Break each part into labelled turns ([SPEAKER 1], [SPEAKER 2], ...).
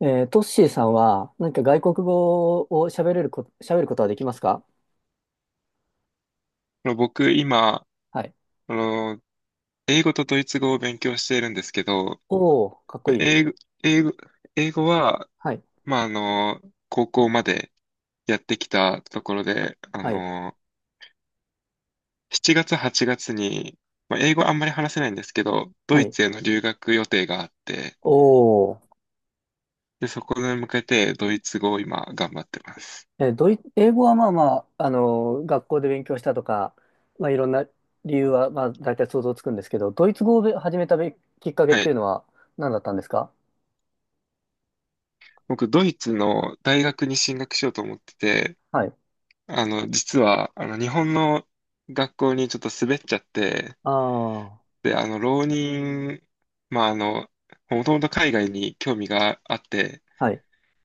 [SPEAKER 1] トッシーさんは何か外国語を喋れる喋ることはできますか？
[SPEAKER 2] 僕、今、
[SPEAKER 1] はい。
[SPEAKER 2] あの、英語とドイツ語を勉強しているんですけど、
[SPEAKER 1] おお、かっこい
[SPEAKER 2] 英
[SPEAKER 1] い。
[SPEAKER 2] 語、英語、英語は、
[SPEAKER 1] はい、
[SPEAKER 2] まあ、高校までやってきたところで、
[SPEAKER 1] はい、
[SPEAKER 2] 7月、8月に、まあ、英語あんまり話せないんですけど、ド
[SPEAKER 1] は
[SPEAKER 2] イ
[SPEAKER 1] い。
[SPEAKER 2] ツへの留学予定があって、
[SPEAKER 1] おお。
[SPEAKER 2] で、そこに向けてドイツ語を今頑張ってます。
[SPEAKER 1] 英語はまあまあ、学校で勉強したとか、まあいろんな理由は、まあ大体想像つくんですけど、ドイツ語を始めたきっかけっ
[SPEAKER 2] は
[SPEAKER 1] ていう
[SPEAKER 2] い。
[SPEAKER 1] のは何だったんですか？
[SPEAKER 2] 僕、ドイツの大学に進学しようと思ってて、
[SPEAKER 1] はい。
[SPEAKER 2] 実は、日本の学校にちょっと滑っちゃって、
[SPEAKER 1] ああ。
[SPEAKER 2] で、浪人、まあ、もともと海外に興味があって、
[SPEAKER 1] はい、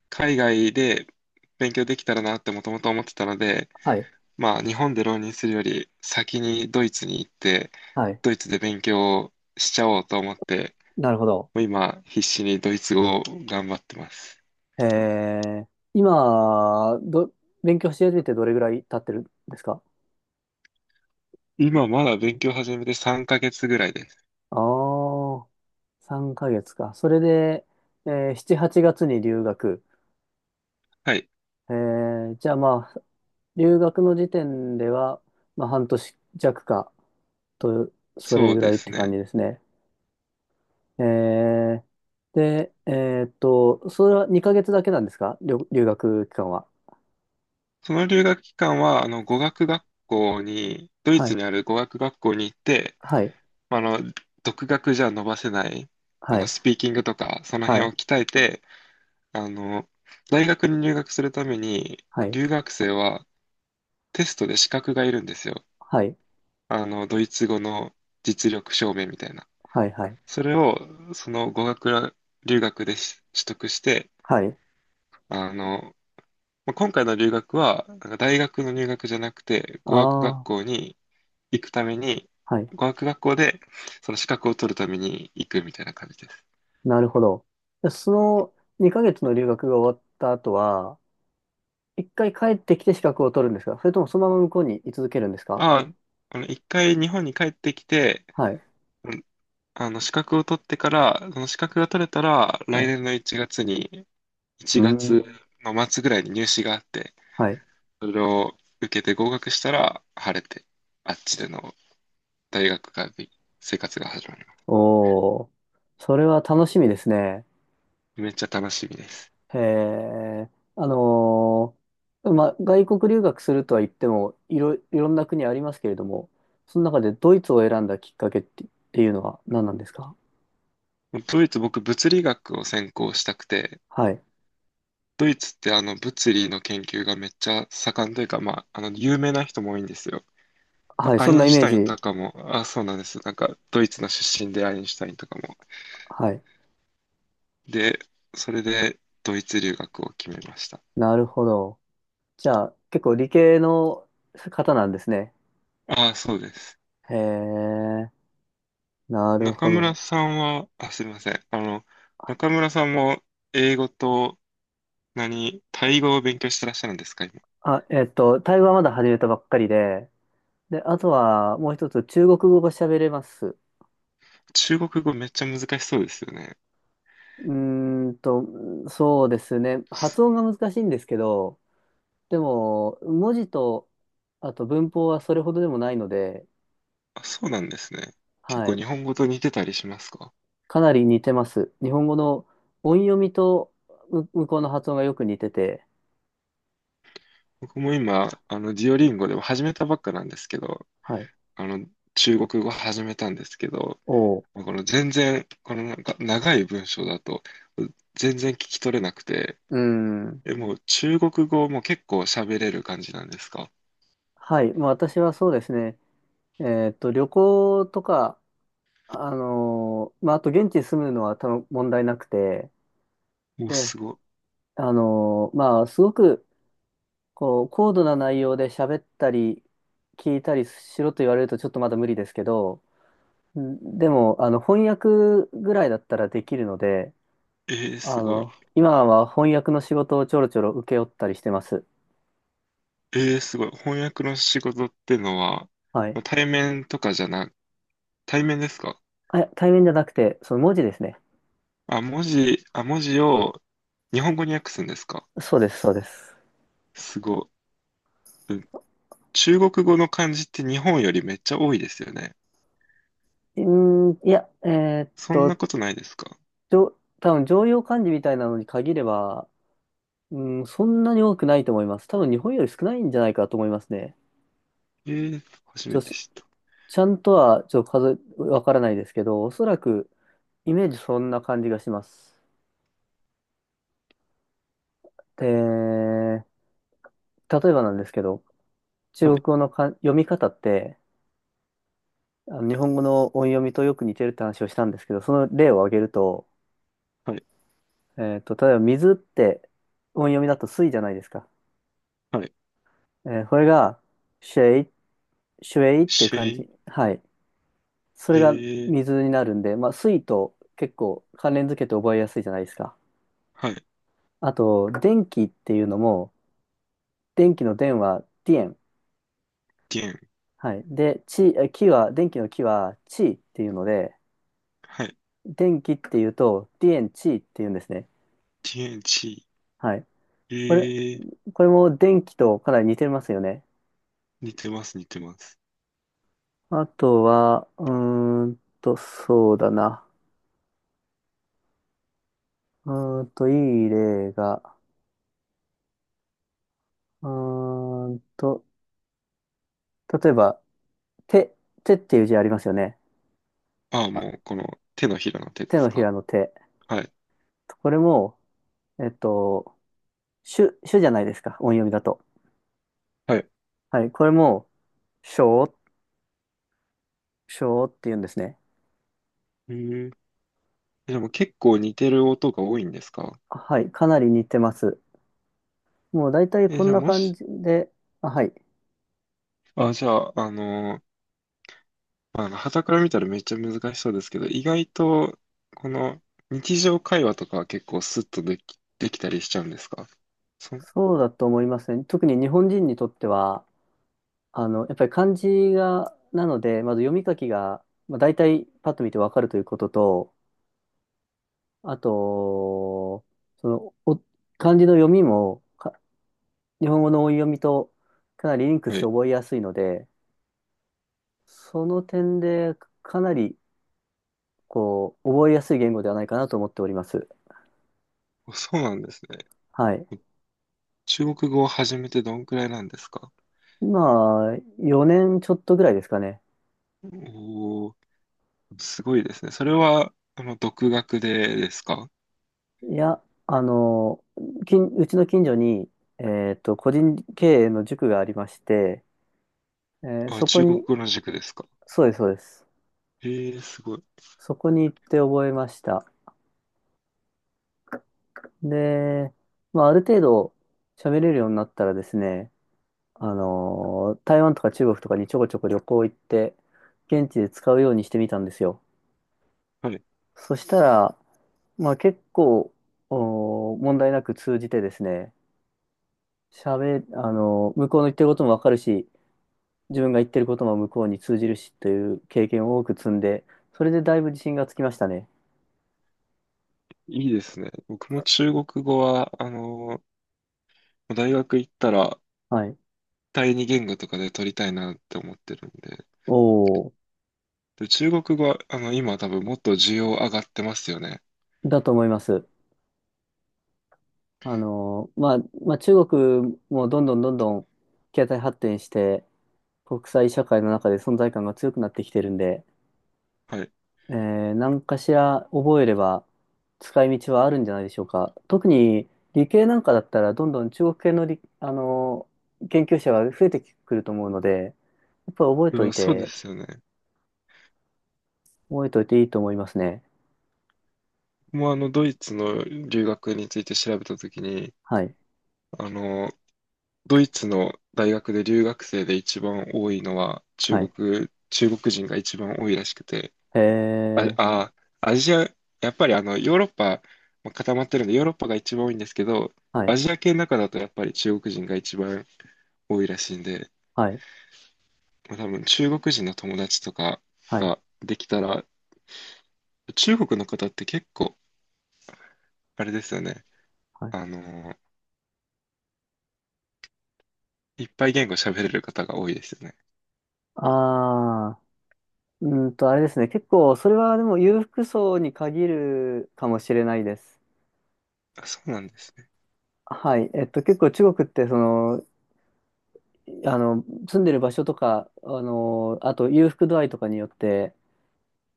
[SPEAKER 2] 海外で勉強できたらなってもともと思ってたので、
[SPEAKER 1] はい、
[SPEAKER 2] まあ、日本で浪人するより先にドイツに行って、
[SPEAKER 1] はい。
[SPEAKER 2] ドイツで勉強をしちゃおうと思って、
[SPEAKER 1] なるほど。
[SPEAKER 2] もう今、必死にドイツ語を頑張ってます。
[SPEAKER 1] えー、今、勉強し始めてどれぐらい経ってるんですか？
[SPEAKER 2] 今、まだ勉強始めて3ヶ月ぐらいです。
[SPEAKER 1] ああー、3ヶ月か。それで、7、8月に留学。
[SPEAKER 2] はい、
[SPEAKER 1] じゃあまあ、留学の時点では、まあ、半年弱かと、それ
[SPEAKER 2] そう
[SPEAKER 1] ぐ
[SPEAKER 2] で
[SPEAKER 1] らいっ
[SPEAKER 2] す
[SPEAKER 1] て感
[SPEAKER 2] ね。
[SPEAKER 1] じですね。えー、で、それは2ヶ月だけなんですか？留学期間は。
[SPEAKER 2] その留学期間は、あの、語学学校に、ドイ
[SPEAKER 1] は
[SPEAKER 2] ツ
[SPEAKER 1] い。
[SPEAKER 2] にある語学学校に行って、
[SPEAKER 1] はい。
[SPEAKER 2] まあの、独学じゃ伸ばせない、
[SPEAKER 1] はい。
[SPEAKER 2] スピーキングとか、その
[SPEAKER 1] は
[SPEAKER 2] 辺を
[SPEAKER 1] い。
[SPEAKER 2] 鍛えて、あの、大学に入学するために、
[SPEAKER 1] はい。
[SPEAKER 2] 留学生はテストで資格がいるんですよ。
[SPEAKER 1] はい。
[SPEAKER 2] ドイツ語の実力証明みたいな。
[SPEAKER 1] はい。はい。
[SPEAKER 2] それを、その語学留学で取得して、
[SPEAKER 1] はい。
[SPEAKER 2] あの、まあ今回の留学は、なんか大学の入学じゃなくて、語学学
[SPEAKER 1] あ
[SPEAKER 2] 校
[SPEAKER 1] あ、
[SPEAKER 2] に行くために、
[SPEAKER 1] はい。
[SPEAKER 2] 語学学校でその資格を取るために行くみたいな感じです。
[SPEAKER 1] なるほど。でその2ヶ月の留学が終わった後は、一回帰ってきて資格を取るんですか？それともそのまま向こうに居続けるんですか？
[SPEAKER 2] あ、一回日本に帰ってきて、
[SPEAKER 1] はい。
[SPEAKER 2] うん資格を取ってから、その資格が取れたら、
[SPEAKER 1] は
[SPEAKER 2] 来
[SPEAKER 1] い。
[SPEAKER 2] 年の1月に、
[SPEAKER 1] う
[SPEAKER 2] 1
[SPEAKER 1] ー
[SPEAKER 2] 月
[SPEAKER 1] ん。
[SPEAKER 2] の末ぐらいに入試があって、
[SPEAKER 1] はい。
[SPEAKER 2] それを受けて合格したら、晴れて、あっちでの大学が、生活が始まります。
[SPEAKER 1] おー。それは楽しみですね。
[SPEAKER 2] めっちゃ楽しみです。
[SPEAKER 1] へえ。あのまあ、外国留学するとは言っても、いろんな国ありますけれども、その中でドイツを選んだきっかけって、っていうのは何なんですか？
[SPEAKER 2] ドイツ、僕、物理学を専攻したくて、
[SPEAKER 1] はい。
[SPEAKER 2] ドイツって物理の研究がめっちゃ盛んというか、まあ、有名な人も多いんですよ。
[SPEAKER 1] はい。
[SPEAKER 2] ア
[SPEAKER 1] そ
[SPEAKER 2] イ
[SPEAKER 1] んな
[SPEAKER 2] ン
[SPEAKER 1] イ
[SPEAKER 2] シュ
[SPEAKER 1] メー
[SPEAKER 2] タイン
[SPEAKER 1] ジ。
[SPEAKER 2] とかも、あ、そうなんです。なんか、ドイツの出身でアインシュタインとかも。
[SPEAKER 1] はい。
[SPEAKER 2] で、それで、ドイツ留学を決めました。
[SPEAKER 1] なるほど。じゃあ、結構理系の方なんですね。
[SPEAKER 2] あ、そうです。
[SPEAKER 1] へえ。なる
[SPEAKER 2] 中
[SPEAKER 1] ほ
[SPEAKER 2] 村
[SPEAKER 1] ど。
[SPEAKER 2] さんは、あ、すみません。中村さんも、英語と、何、タイ語を勉強してらっしゃるんですか、今。
[SPEAKER 1] あ、えっと、タイ語はまだ始めたばっかりで、で、あとはもう一つ、中国語が喋れます。
[SPEAKER 2] 中国語めっちゃ難しそうですよね。
[SPEAKER 1] うーんと、そうですね。発音が難しいんですけど、でも、文字と、あと文法はそれほどでもないので、
[SPEAKER 2] あ、そうなんですね。結
[SPEAKER 1] は
[SPEAKER 2] 構日
[SPEAKER 1] い。
[SPEAKER 2] 本語と似てたりしますか？
[SPEAKER 1] かなり似てます。日本語の音読みと向こうの発音がよく似てて、
[SPEAKER 2] 僕も今、デュオリンゴでも始めたばっかなんですけど、
[SPEAKER 1] はい。
[SPEAKER 2] あの、中国語始めたんですけど、
[SPEAKER 1] おう。
[SPEAKER 2] このなんか長い文章だと全然聞き取れなくて、
[SPEAKER 1] うーん。
[SPEAKER 2] え、もう中国語も結構喋れる感じなんですか？
[SPEAKER 1] はい。まあ、私はそうですね。えっと、旅行とか、まあ、あと現地に住むのは多分問題なくて、
[SPEAKER 2] もう
[SPEAKER 1] で、
[SPEAKER 2] すご
[SPEAKER 1] まあ、すごく、こう、高度な内容で喋ったり、聞いたりしろと言われるとちょっとまだ無理ですけど、んでも、あの、翻訳ぐらいだったらできるので、
[SPEAKER 2] い。
[SPEAKER 1] あ
[SPEAKER 2] すごい。
[SPEAKER 1] の、今は翻訳の仕事をちょろちょろ請け負ったりしてます。
[SPEAKER 2] すごい。翻訳の仕事ってのは、
[SPEAKER 1] はい。
[SPEAKER 2] 対面とかじゃな、対面ですか？
[SPEAKER 1] あ、対面じゃなくて、その文字ですね。
[SPEAKER 2] あ、文字を日本語に訳すんですか？
[SPEAKER 1] そうです、そうです。
[SPEAKER 2] すごい。うん。中国語の漢字って日本よりめっちゃ多いですよね。
[SPEAKER 1] うーん、いや、
[SPEAKER 2] そんなことないですか？
[SPEAKER 1] 多分常用漢字みたいなのに限れば、うん、そんなに多くないと思います。多分日本より少ないんじゃないかと思いますね。
[SPEAKER 2] えー、初
[SPEAKER 1] ち
[SPEAKER 2] め
[SPEAKER 1] ょ、
[SPEAKER 2] て
[SPEAKER 1] し
[SPEAKER 2] 知った。
[SPEAKER 1] ちゃんとはちょっとわからないですけど、おそらくイメージそんな感じがします。で、例えばなんですけど、中
[SPEAKER 2] は
[SPEAKER 1] 国
[SPEAKER 2] い、
[SPEAKER 1] 語の読み方って、あの日本語の音読みとよく似てるって話をしたんですけど、その例を挙げると、
[SPEAKER 2] はい、
[SPEAKER 1] えっと、例えば水って音読みだと水じゃないですか。
[SPEAKER 2] はい。
[SPEAKER 1] これが、シェイ、シュエイっていう
[SPEAKER 2] シェ
[SPEAKER 1] 感
[SPEAKER 2] イ。
[SPEAKER 1] じ。はい。それが
[SPEAKER 2] へえ、
[SPEAKER 1] 水になるんで、まあ、水と結構関連づけて覚えやすいじゃないですか。
[SPEAKER 2] はい、
[SPEAKER 1] あと、電気っていうのも、電気の電は電。
[SPEAKER 2] 天、
[SPEAKER 1] はい。で、気は、電気の気は地っていうので、
[SPEAKER 2] はい、
[SPEAKER 1] 電気っていうと、電地っていうんですね。
[SPEAKER 2] 天地、
[SPEAKER 1] はい。これ、
[SPEAKER 2] へえ、
[SPEAKER 1] これも電気とかなり似てますよね。
[SPEAKER 2] 似てます、似てます。
[SPEAKER 1] あとは、そうだな。いい例が、うーんと、例えば、手、手っていう字ありますよね。
[SPEAKER 2] ああ、
[SPEAKER 1] あ、
[SPEAKER 2] もう、この手のひらの手で
[SPEAKER 1] 手
[SPEAKER 2] す
[SPEAKER 1] のひ
[SPEAKER 2] か。
[SPEAKER 1] らの手。
[SPEAKER 2] はい、
[SPEAKER 1] これも、えっと、主じゃないですか、音読みだと。
[SPEAKER 2] はい。
[SPEAKER 1] はい、これも、しょう、しょうって言うんですね。
[SPEAKER 2] へえ、でも結構似てる音が多いんですか？
[SPEAKER 1] はい、かなり似てます。もう大体
[SPEAKER 2] え、
[SPEAKER 1] こんな感じで、あ、はい、
[SPEAKER 2] じゃあ、あの、まあの、傍から見たらめっちゃ難しそうですけど、意外と、この日常会話とかは結構スッとできたりしちゃうんですか？そ、
[SPEAKER 1] そうだと思いますね。特に日本人にとっては、あの、やっぱり漢字が、なので、まず読み書きが、まあ、大体パッと見てわかるということと、あと、その、漢字の読みも、日本語の音読みとかなりリンクし
[SPEAKER 2] は
[SPEAKER 1] て
[SPEAKER 2] い、
[SPEAKER 1] 覚えやすいので、その点で、かなり、こう、覚えやすい言語ではないかなと思っております。
[SPEAKER 2] そうなんですね。
[SPEAKER 1] はい。
[SPEAKER 2] 中国語を始めてどんくらいなんですか？
[SPEAKER 1] 今、4年ちょっとぐらいですかね。
[SPEAKER 2] おおー。すごいですね。それは、独学でですか？
[SPEAKER 1] いや、あの、うちの近所に、えっと、個人経営の塾がありまして、
[SPEAKER 2] あ、
[SPEAKER 1] そこ
[SPEAKER 2] 中国
[SPEAKER 1] に、
[SPEAKER 2] 語の塾ですか？
[SPEAKER 1] そうです、そうです。
[SPEAKER 2] ええすごい。
[SPEAKER 1] そこに行って覚えました。で、まあ、ある程度喋れるようになったらですね、あの、台湾とか中国とかにちょこちょこ旅行行って、現地で使うようにしてみたんですよ。
[SPEAKER 2] はい。
[SPEAKER 1] そしたら、まあ結構、問題なく通じてですね、あの、向こうの言ってることもわかるし、自分が言ってることも向こうに通じるしという経験を多く積んで、それでだいぶ自信がつきましたね。
[SPEAKER 2] いいですね。僕も中国語は、大学行ったら、
[SPEAKER 1] はい。
[SPEAKER 2] 第二言語とかで取りたいなって思ってるんで。
[SPEAKER 1] おお、
[SPEAKER 2] で、中国語は、今多分もっと需要上がってますよね。
[SPEAKER 1] だと思います。あの、まあ、中国もどんどんどんどん経済発展して、国際社会の中で存在感が強くなってきてるんで、
[SPEAKER 2] はい。
[SPEAKER 1] 何かしら覚えれば使い道はあるんじゃないでしょうか。特に理系なんかだったらどんどん中国系のあの研究者が増えてくると思うので、やっぱり
[SPEAKER 2] いやそうですよね。
[SPEAKER 1] 覚えといていいと思いますね。
[SPEAKER 2] もうドイツの留学について調べたときに、
[SPEAKER 1] はい。
[SPEAKER 2] あの、ドイツの大学で留学生で一番多いのは
[SPEAKER 1] はい。
[SPEAKER 2] 中国人が一番多いらしくて、
[SPEAKER 1] え
[SPEAKER 2] あ、
[SPEAKER 1] ー、
[SPEAKER 2] あ、アジア、やっぱりヨーロッパ、まあ固まってるんでヨーロッパが一番多いんですけど、
[SPEAKER 1] は
[SPEAKER 2] ア
[SPEAKER 1] い。
[SPEAKER 2] ジア系の中だとやっぱり中国人が一番多いらしいんで、
[SPEAKER 1] はい。
[SPEAKER 2] まあ、多分中国人の友達とか
[SPEAKER 1] はい。
[SPEAKER 2] ができたら、中国の方って結構、あれですよね。
[SPEAKER 1] はい。
[SPEAKER 2] あの、いっぱい言語喋れる方が多いですよね。
[SPEAKER 1] ああれですね。結構、それはでも裕福層に限るかもしれないです。
[SPEAKER 2] あ、そうなんですね。
[SPEAKER 1] はい。えっと、結構中国って、その、あの、住んでる場所とか、あの、あと裕福度合いとかによって、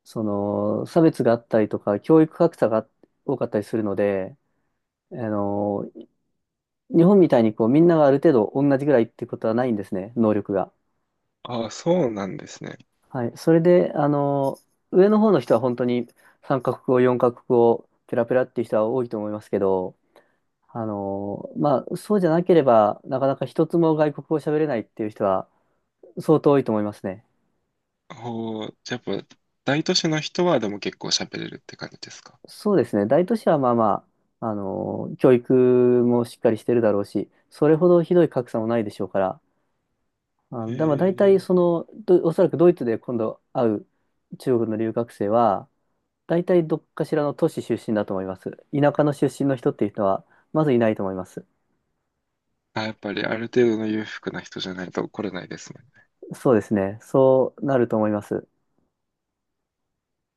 [SPEAKER 1] その、差別があったりとか、教育格差が多かったりするので、あの、日本みたいにこう、みんながある程度同じぐらいってことはないんですね、能力が。
[SPEAKER 2] あ、そうなんですね。
[SPEAKER 1] はい。それで、あの、上の方の人は本当に3カ国語、4カ国語、ペラペラっていう人は多いと思いますけど、あの、まあ、そうじゃなければ、なかなか一つも外国語を喋れないっていう人は相当多いと思いますね。
[SPEAKER 2] ほう、じゃあやっぱ、大都市の人はでも結構喋れるって感じですか？
[SPEAKER 1] そうですね。大都市はまあまあ、教育もしっかりしてるだろうし、それほどひどい格差もないでしょうから、あ
[SPEAKER 2] へ
[SPEAKER 1] の、でも大体
[SPEAKER 2] え。
[SPEAKER 1] その、おそらくドイツで今度会う中国の留学生は、大体どっかしらの都市出身だと思います。田舎の出身の人っていう人は、まずいないと思います。
[SPEAKER 2] あ、やっぱりある程度の裕福な人じゃないと来れないですね。
[SPEAKER 1] そうですね。そうなると思います。